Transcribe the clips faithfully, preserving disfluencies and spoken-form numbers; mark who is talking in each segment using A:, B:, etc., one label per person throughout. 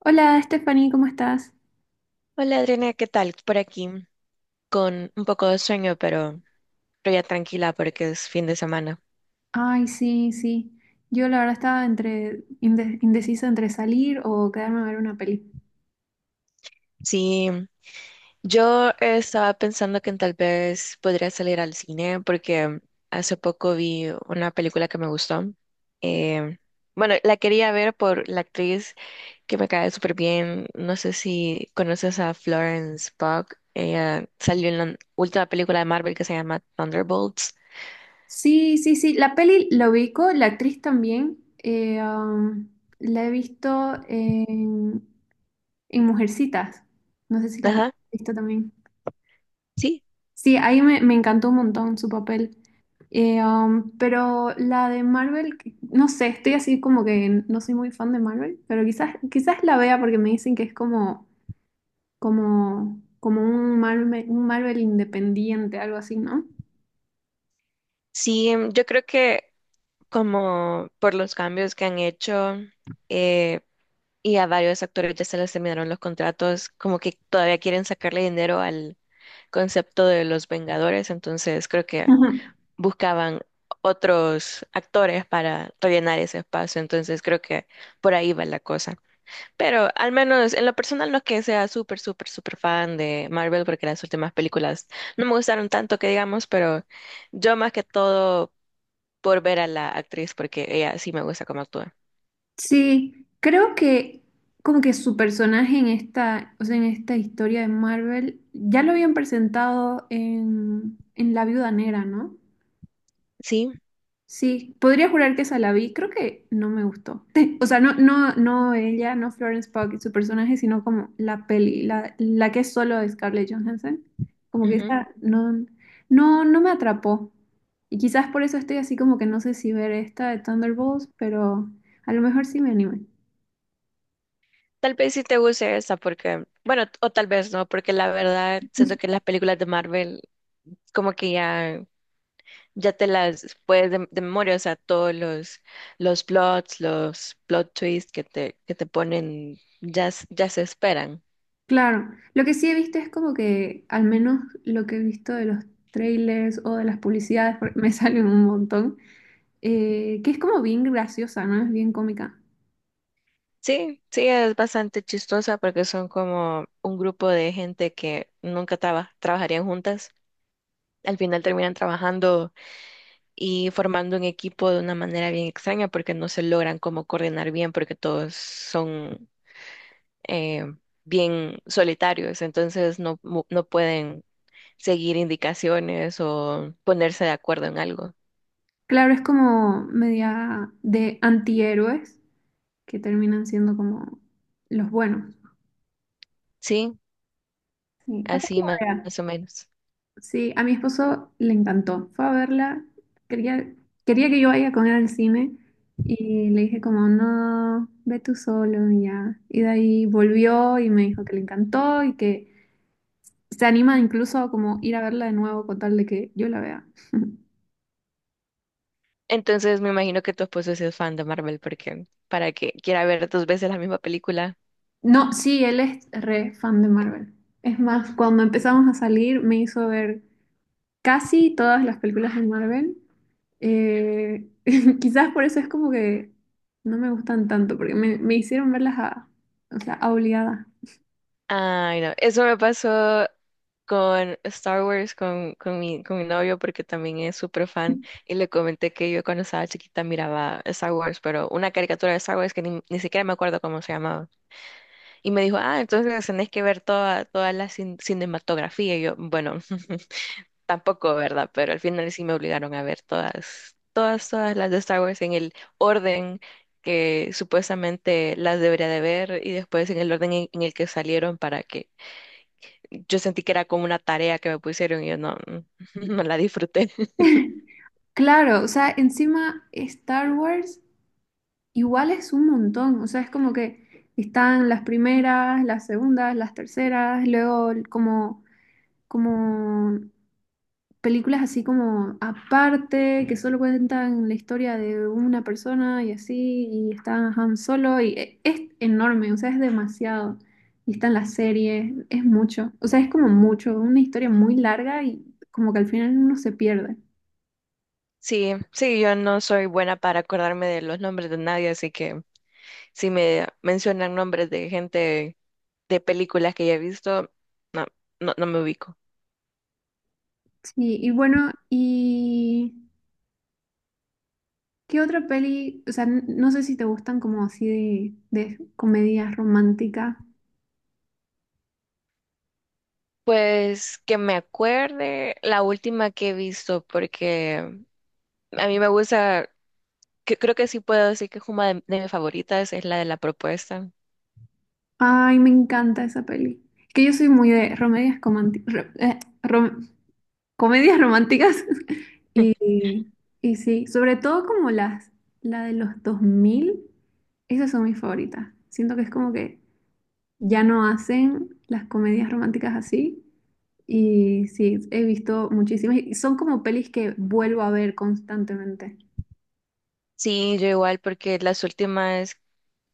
A: Hola, Stephanie, ¿cómo estás?
B: Hola Adriana, ¿qué tal? Por aquí, con un poco de sueño, pero, pero ya tranquila porque es fin de semana.
A: Ay, sí, sí. Yo la verdad estaba entre inde- indecisa entre salir o quedarme a ver una peli.
B: Sí, yo estaba pensando que tal vez podría salir al cine porque hace poco vi una película que me gustó. Eh, bueno, la quería ver por la actriz que me cae súper bien. No sé si conoces a Florence Pugh. Ella salió en la última película de Marvel que se llama Thunderbolts.
A: Sí, sí, sí. La peli la ubico, la actriz también. Eh, um, la he visto en, en Mujercitas. No sé si la he
B: Ajá,
A: visto también.
B: sí.
A: Sí, ahí me, me encantó un montón su papel. Eh, um, pero la de Marvel, que- no sé, estoy así como que no soy muy fan de Marvel, pero quizás, quizás la vea porque me dicen que es como como, como un Marvel, un Marvel independiente, algo así, ¿no?
B: Sí, em, yo creo que como por los cambios que han hecho eh, y a varios actores ya se les terminaron los contratos, como que todavía quieren sacarle dinero al concepto de los Vengadores, entonces creo que
A: Ujú.
B: buscaban otros actores para rellenar ese espacio, entonces creo que por ahí va la cosa. Pero al menos en lo personal no es que sea súper, súper, súper fan de Marvel porque las últimas películas no me gustaron tanto que digamos, pero yo más que todo por ver a la actriz porque ella sí me gusta cómo actúa.
A: Sí, creo que como que su personaje en esta, o sea, en esta historia de Marvel ya lo habían presentado en, en La Viuda Negra, ¿no?
B: Sí,
A: Sí, podría jurar que esa la vi, creo que no me gustó. O sea, no, no, no ella, no Florence Pugh y su personaje, sino como la peli, la, la que es solo de Scarlett Johansson. Como que
B: ujú.
A: esa no, no, no me atrapó. Y quizás por eso estoy así como que no sé si ver esta de Thunderbolts, pero a lo mejor sí me anime.
B: Tal vez sí te guste esa porque, bueno, t- o tal vez no, porque la verdad siento que las películas de Marvel como que ya, ya te las puedes de, de memoria, o sea, todos los, los plots, los plot twists que te, que te ponen ya, s- ya se esperan.
A: Claro, lo que sí he visto es como que, al menos lo que he visto de los trailers o de las publicidades, porque me salen un montón, eh, que es como bien graciosa, ¿no? Es bien cómica.
B: Sí, sí, es bastante chistosa porque son como un grupo de gente que nunca traba- trabajarían juntas. Al final terminan trabajando y formando un equipo de una manera bien extraña porque no se logran como coordinar bien porque todos son eh, bien solitarios, entonces no, mu- no pueden seguir indicaciones o ponerse de acuerdo en algo.
A: Claro, es como media de antihéroes que terminan siendo como los buenos.
B: Sí,
A: Sí, capaz
B: así más,
A: la vea.
B: más o menos.
A: Sí, a mi esposo le encantó. Fue a verla. Quería, quería que yo vaya con él al cine y le dije como, no, ve tú solo y ya. Y de ahí volvió y me dijo que le encantó y que se anima incluso a como ir a verla de nuevo con tal de que yo la vea.
B: Entonces me imagino que tu esposo sí es fan de Marvel porque para que quiera ver dos veces la misma película.
A: No, sí, él es re fan de Marvel. Es más, cuando empezamos a salir me hizo ver casi todas las películas de Marvel. Eh, quizás por eso es como que no me gustan tanto, porque me, me hicieron verlas a, o sea, a obligada.
B: Ay, no, eso me pasó con Star Wars, con, con mi, con mi novio, porque también es súper fan, y le comenté que yo cuando estaba chiquita miraba Star Wars, pero una caricatura de Star Wars que ni, ni siquiera me acuerdo cómo se llamaba. Y me dijo, ah, entonces tenés que ver toda, toda la cin- cinematografía. Y yo, bueno, tampoco, ¿verdad? Pero al final sí me obligaron a ver todas, todas, todas las de Star Wars en el orden que supuestamente las debería de ver y después en el orden en en el que salieron para que yo sentí que era como una tarea que me pusieron y yo no, no la disfruté.
A: Claro, o sea, encima Star Wars igual es un montón, o sea, es como que están las primeras, las segundas, las terceras, luego como, como películas así como aparte, que solo cuentan la historia de una persona y así, y está Han Solo, y e- es enorme, o sea, es demasiado. Y están las series, es mucho, o sea, es como mucho, una historia muy larga y como que al final uno se pierde.
B: Sí, sí, yo no soy buena para acordarme de los nombres de nadie, así que si me mencionan nombres de gente de películas que ya he visto, no, no, no me ubico.
A: Sí, y bueno, ¿y qué otra peli? O sea, n- no sé si te gustan como así de, de comedias románticas.
B: Pues que me acuerde la última que he visto, porque a mí me gusta, que, creo que sí puedo decir que es una de, de mis favoritas, es la de la propuesta.
A: Ay, me encanta esa peli. Es que yo soy muy de comedias cománti- ro- eh, rom- comedias románticas. Y, y sí, sobre todo como las, la de los dos mil esas son mis favoritas. Siento que es como que ya no hacen las comedias románticas así. Y sí, he visto muchísimas. Y son como pelis que vuelvo a ver constantemente.
B: Sí, yo igual, porque las últimas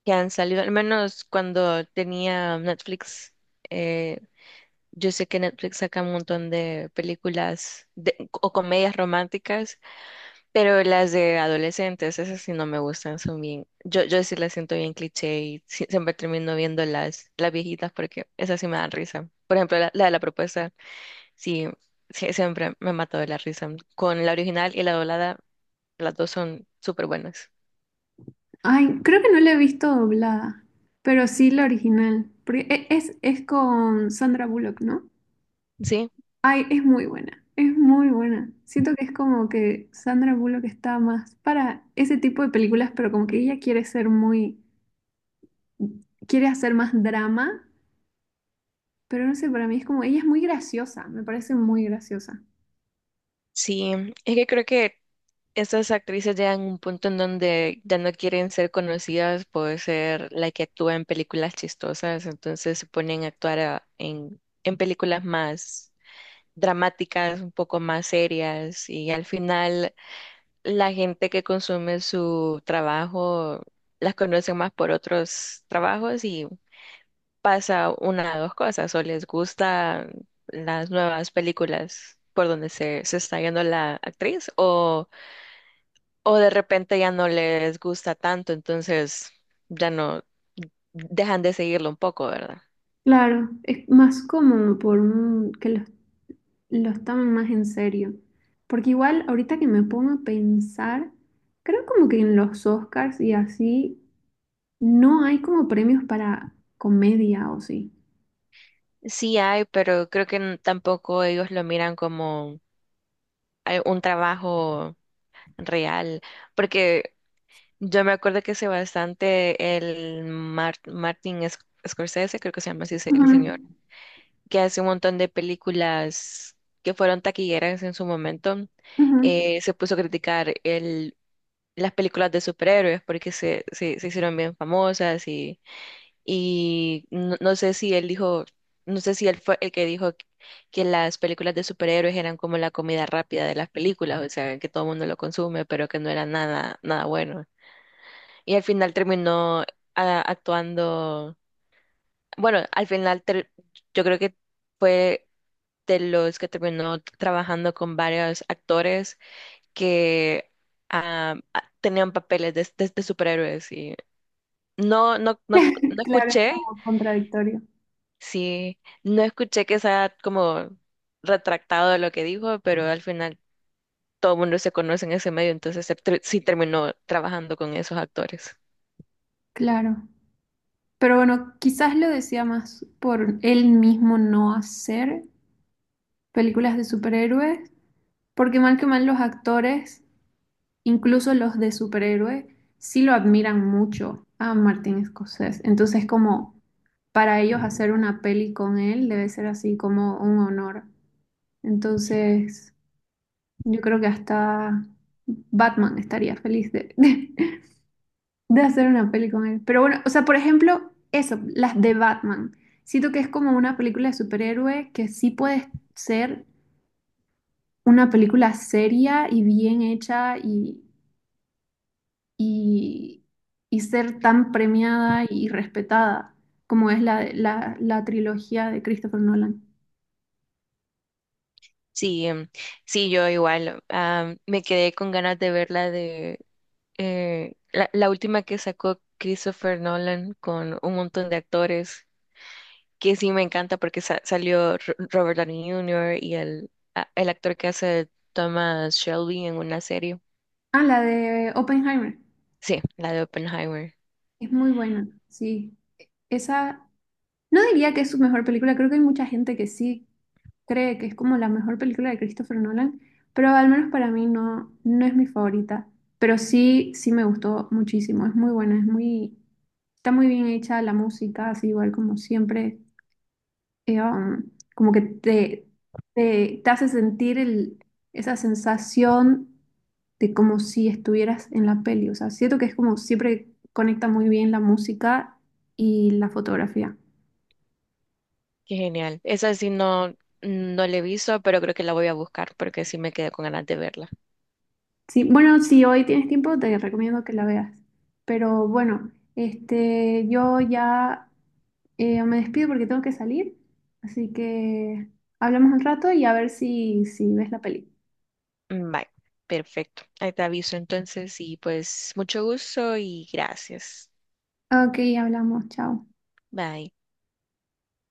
B: que han salido, al menos cuando tenía Netflix, eh, yo sé que Netflix saca un montón de películas de- o comedias románticas, pero las de adolescentes, esas sí no me gustan, son bien, yo, yo sí las siento bien cliché y sí- siempre termino viendo las, las viejitas porque esas sí me dan risa. Por ejemplo, la, la de la propuesta, sí, sí, siempre me ha matado de la risa. Con la original y la doblada, las dos son súper buenas.
A: Ay, creo que no la he visto doblada, pero sí la original. Porque e- Es, es con Sandra Bullock, ¿no?
B: Sí.
A: Ay, es muy buena, es muy buena. Siento que es como que Sandra Bullock está más para ese tipo de películas, pero como que ella quiere ser muy, quiere hacer más drama, pero no sé, para mí es como, ella es muy graciosa, me parece muy graciosa.
B: Sí, es que creo que estas actrices llegan a un punto en donde ya no quieren ser conocidas por ser la que actúa en películas chistosas, entonces se ponen a actuar a- en, en películas más dramáticas, un poco más serias, y al final la gente que consume su trabajo las conoce más por otros trabajos y pasa una de dos cosas, o les gustan las nuevas películas por donde se, se está yendo la actriz, o, o de repente ya no les gusta tanto, entonces ya no dejan de seguirlo un poco, ¿verdad?
A: Claro, es más como por un, que los, los tomen más en serio. Porque igual ahorita que me pongo a pensar, creo como que en los Oscars y así no hay como premios para comedia o sí.
B: Sí hay, pero creo que n- tampoco ellos lo miran como eh, un trabajo real, porque yo me acuerdo que hace bastante el Mar- Martin Sc- Scorsese, creo que se llama así se- el
A: Ujú,
B: señor que hace un montón de películas que fueron taquilleras en su momento,
A: ujú.
B: eh, se puso a criticar el, las películas de superhéroes porque se, se, se hicieron bien famosas y, y no, no sé si él dijo, no sé si él fue el que dijo que las películas de superhéroes eran como la comida rápida de las películas, o sea, que todo el mundo lo consume, pero que no era nada, nada bueno. Y al final terminó ah, actuando, bueno, al final ter- yo creo que fue de los que terminó trabajando con varios actores que ah, ah, tenían papeles de, de- de superhéroes y no, no, no, no
A: Claro, es
B: escuché,
A: como contradictorio.
B: sí, no escuché que sea como retractado de lo que dijo, pero al final todo el mundo se conoce en ese medio, entonces se tr- sí terminó trabajando con esos actores.
A: Claro. Pero bueno, quizás lo decía más por él mismo no hacer películas de superhéroes, porque mal que mal los actores, incluso los de superhéroes, sí lo admiran mucho a Martin Scorsese. Entonces, como para ellos hacer una peli con él debe ser así como un honor. Entonces, yo creo que hasta Batman estaría feliz de, de de hacer una peli con él. Pero bueno, o sea, por ejemplo, eso, las de Batman. Siento que es como una película de superhéroe que sí puede ser una película seria y bien hecha y, y, y ser tan premiada y respetada como es la, la, la trilogía de Christopher Nolan.
B: Sí, em, sí, yo igual, ah, me quedé con ganas de verla eh, la, la última que sacó Christopher Nolan con un montón de actores, que sí me encanta porque sa- salió Ro- Robert Downey junior y el, a- el actor que hace Thomas Shelby en una serie.
A: Ah, la de Oppenheimer.
B: Sí, la de Oppenheimer.
A: Es muy buena, sí. Esa no diría que es su mejor película, creo que hay mucha gente que sí cree que es como la mejor película de Christopher Nolan, pero al menos para mí no, no es mi favorita. Pero sí, sí me gustó muchísimo, es muy buena, es muy, está muy bien hecha la música, así igual como siempre, eh, um, como que te, te, te hace sentir el, esa sensación de como si estuvieras en la peli. O sea, siento que es como siempre conecta muy bien la música y la fotografía.
B: Qué genial. Esa sí no, no la he visto, pero creo que la voy a buscar porque sí me quedé con ganas de verla.
A: Sí, bueno, si hoy tienes tiempo, te recomiendo que la veas. Pero bueno, este, yo ya eh, me despido porque tengo que salir. Así que hablamos un rato y a ver si, si ves la peli.
B: Mm, bye. Perfecto. Ahí te aviso entonces y pues mucho gusto y gracias.
A: Ok, hablamos, chao.
B: Bye.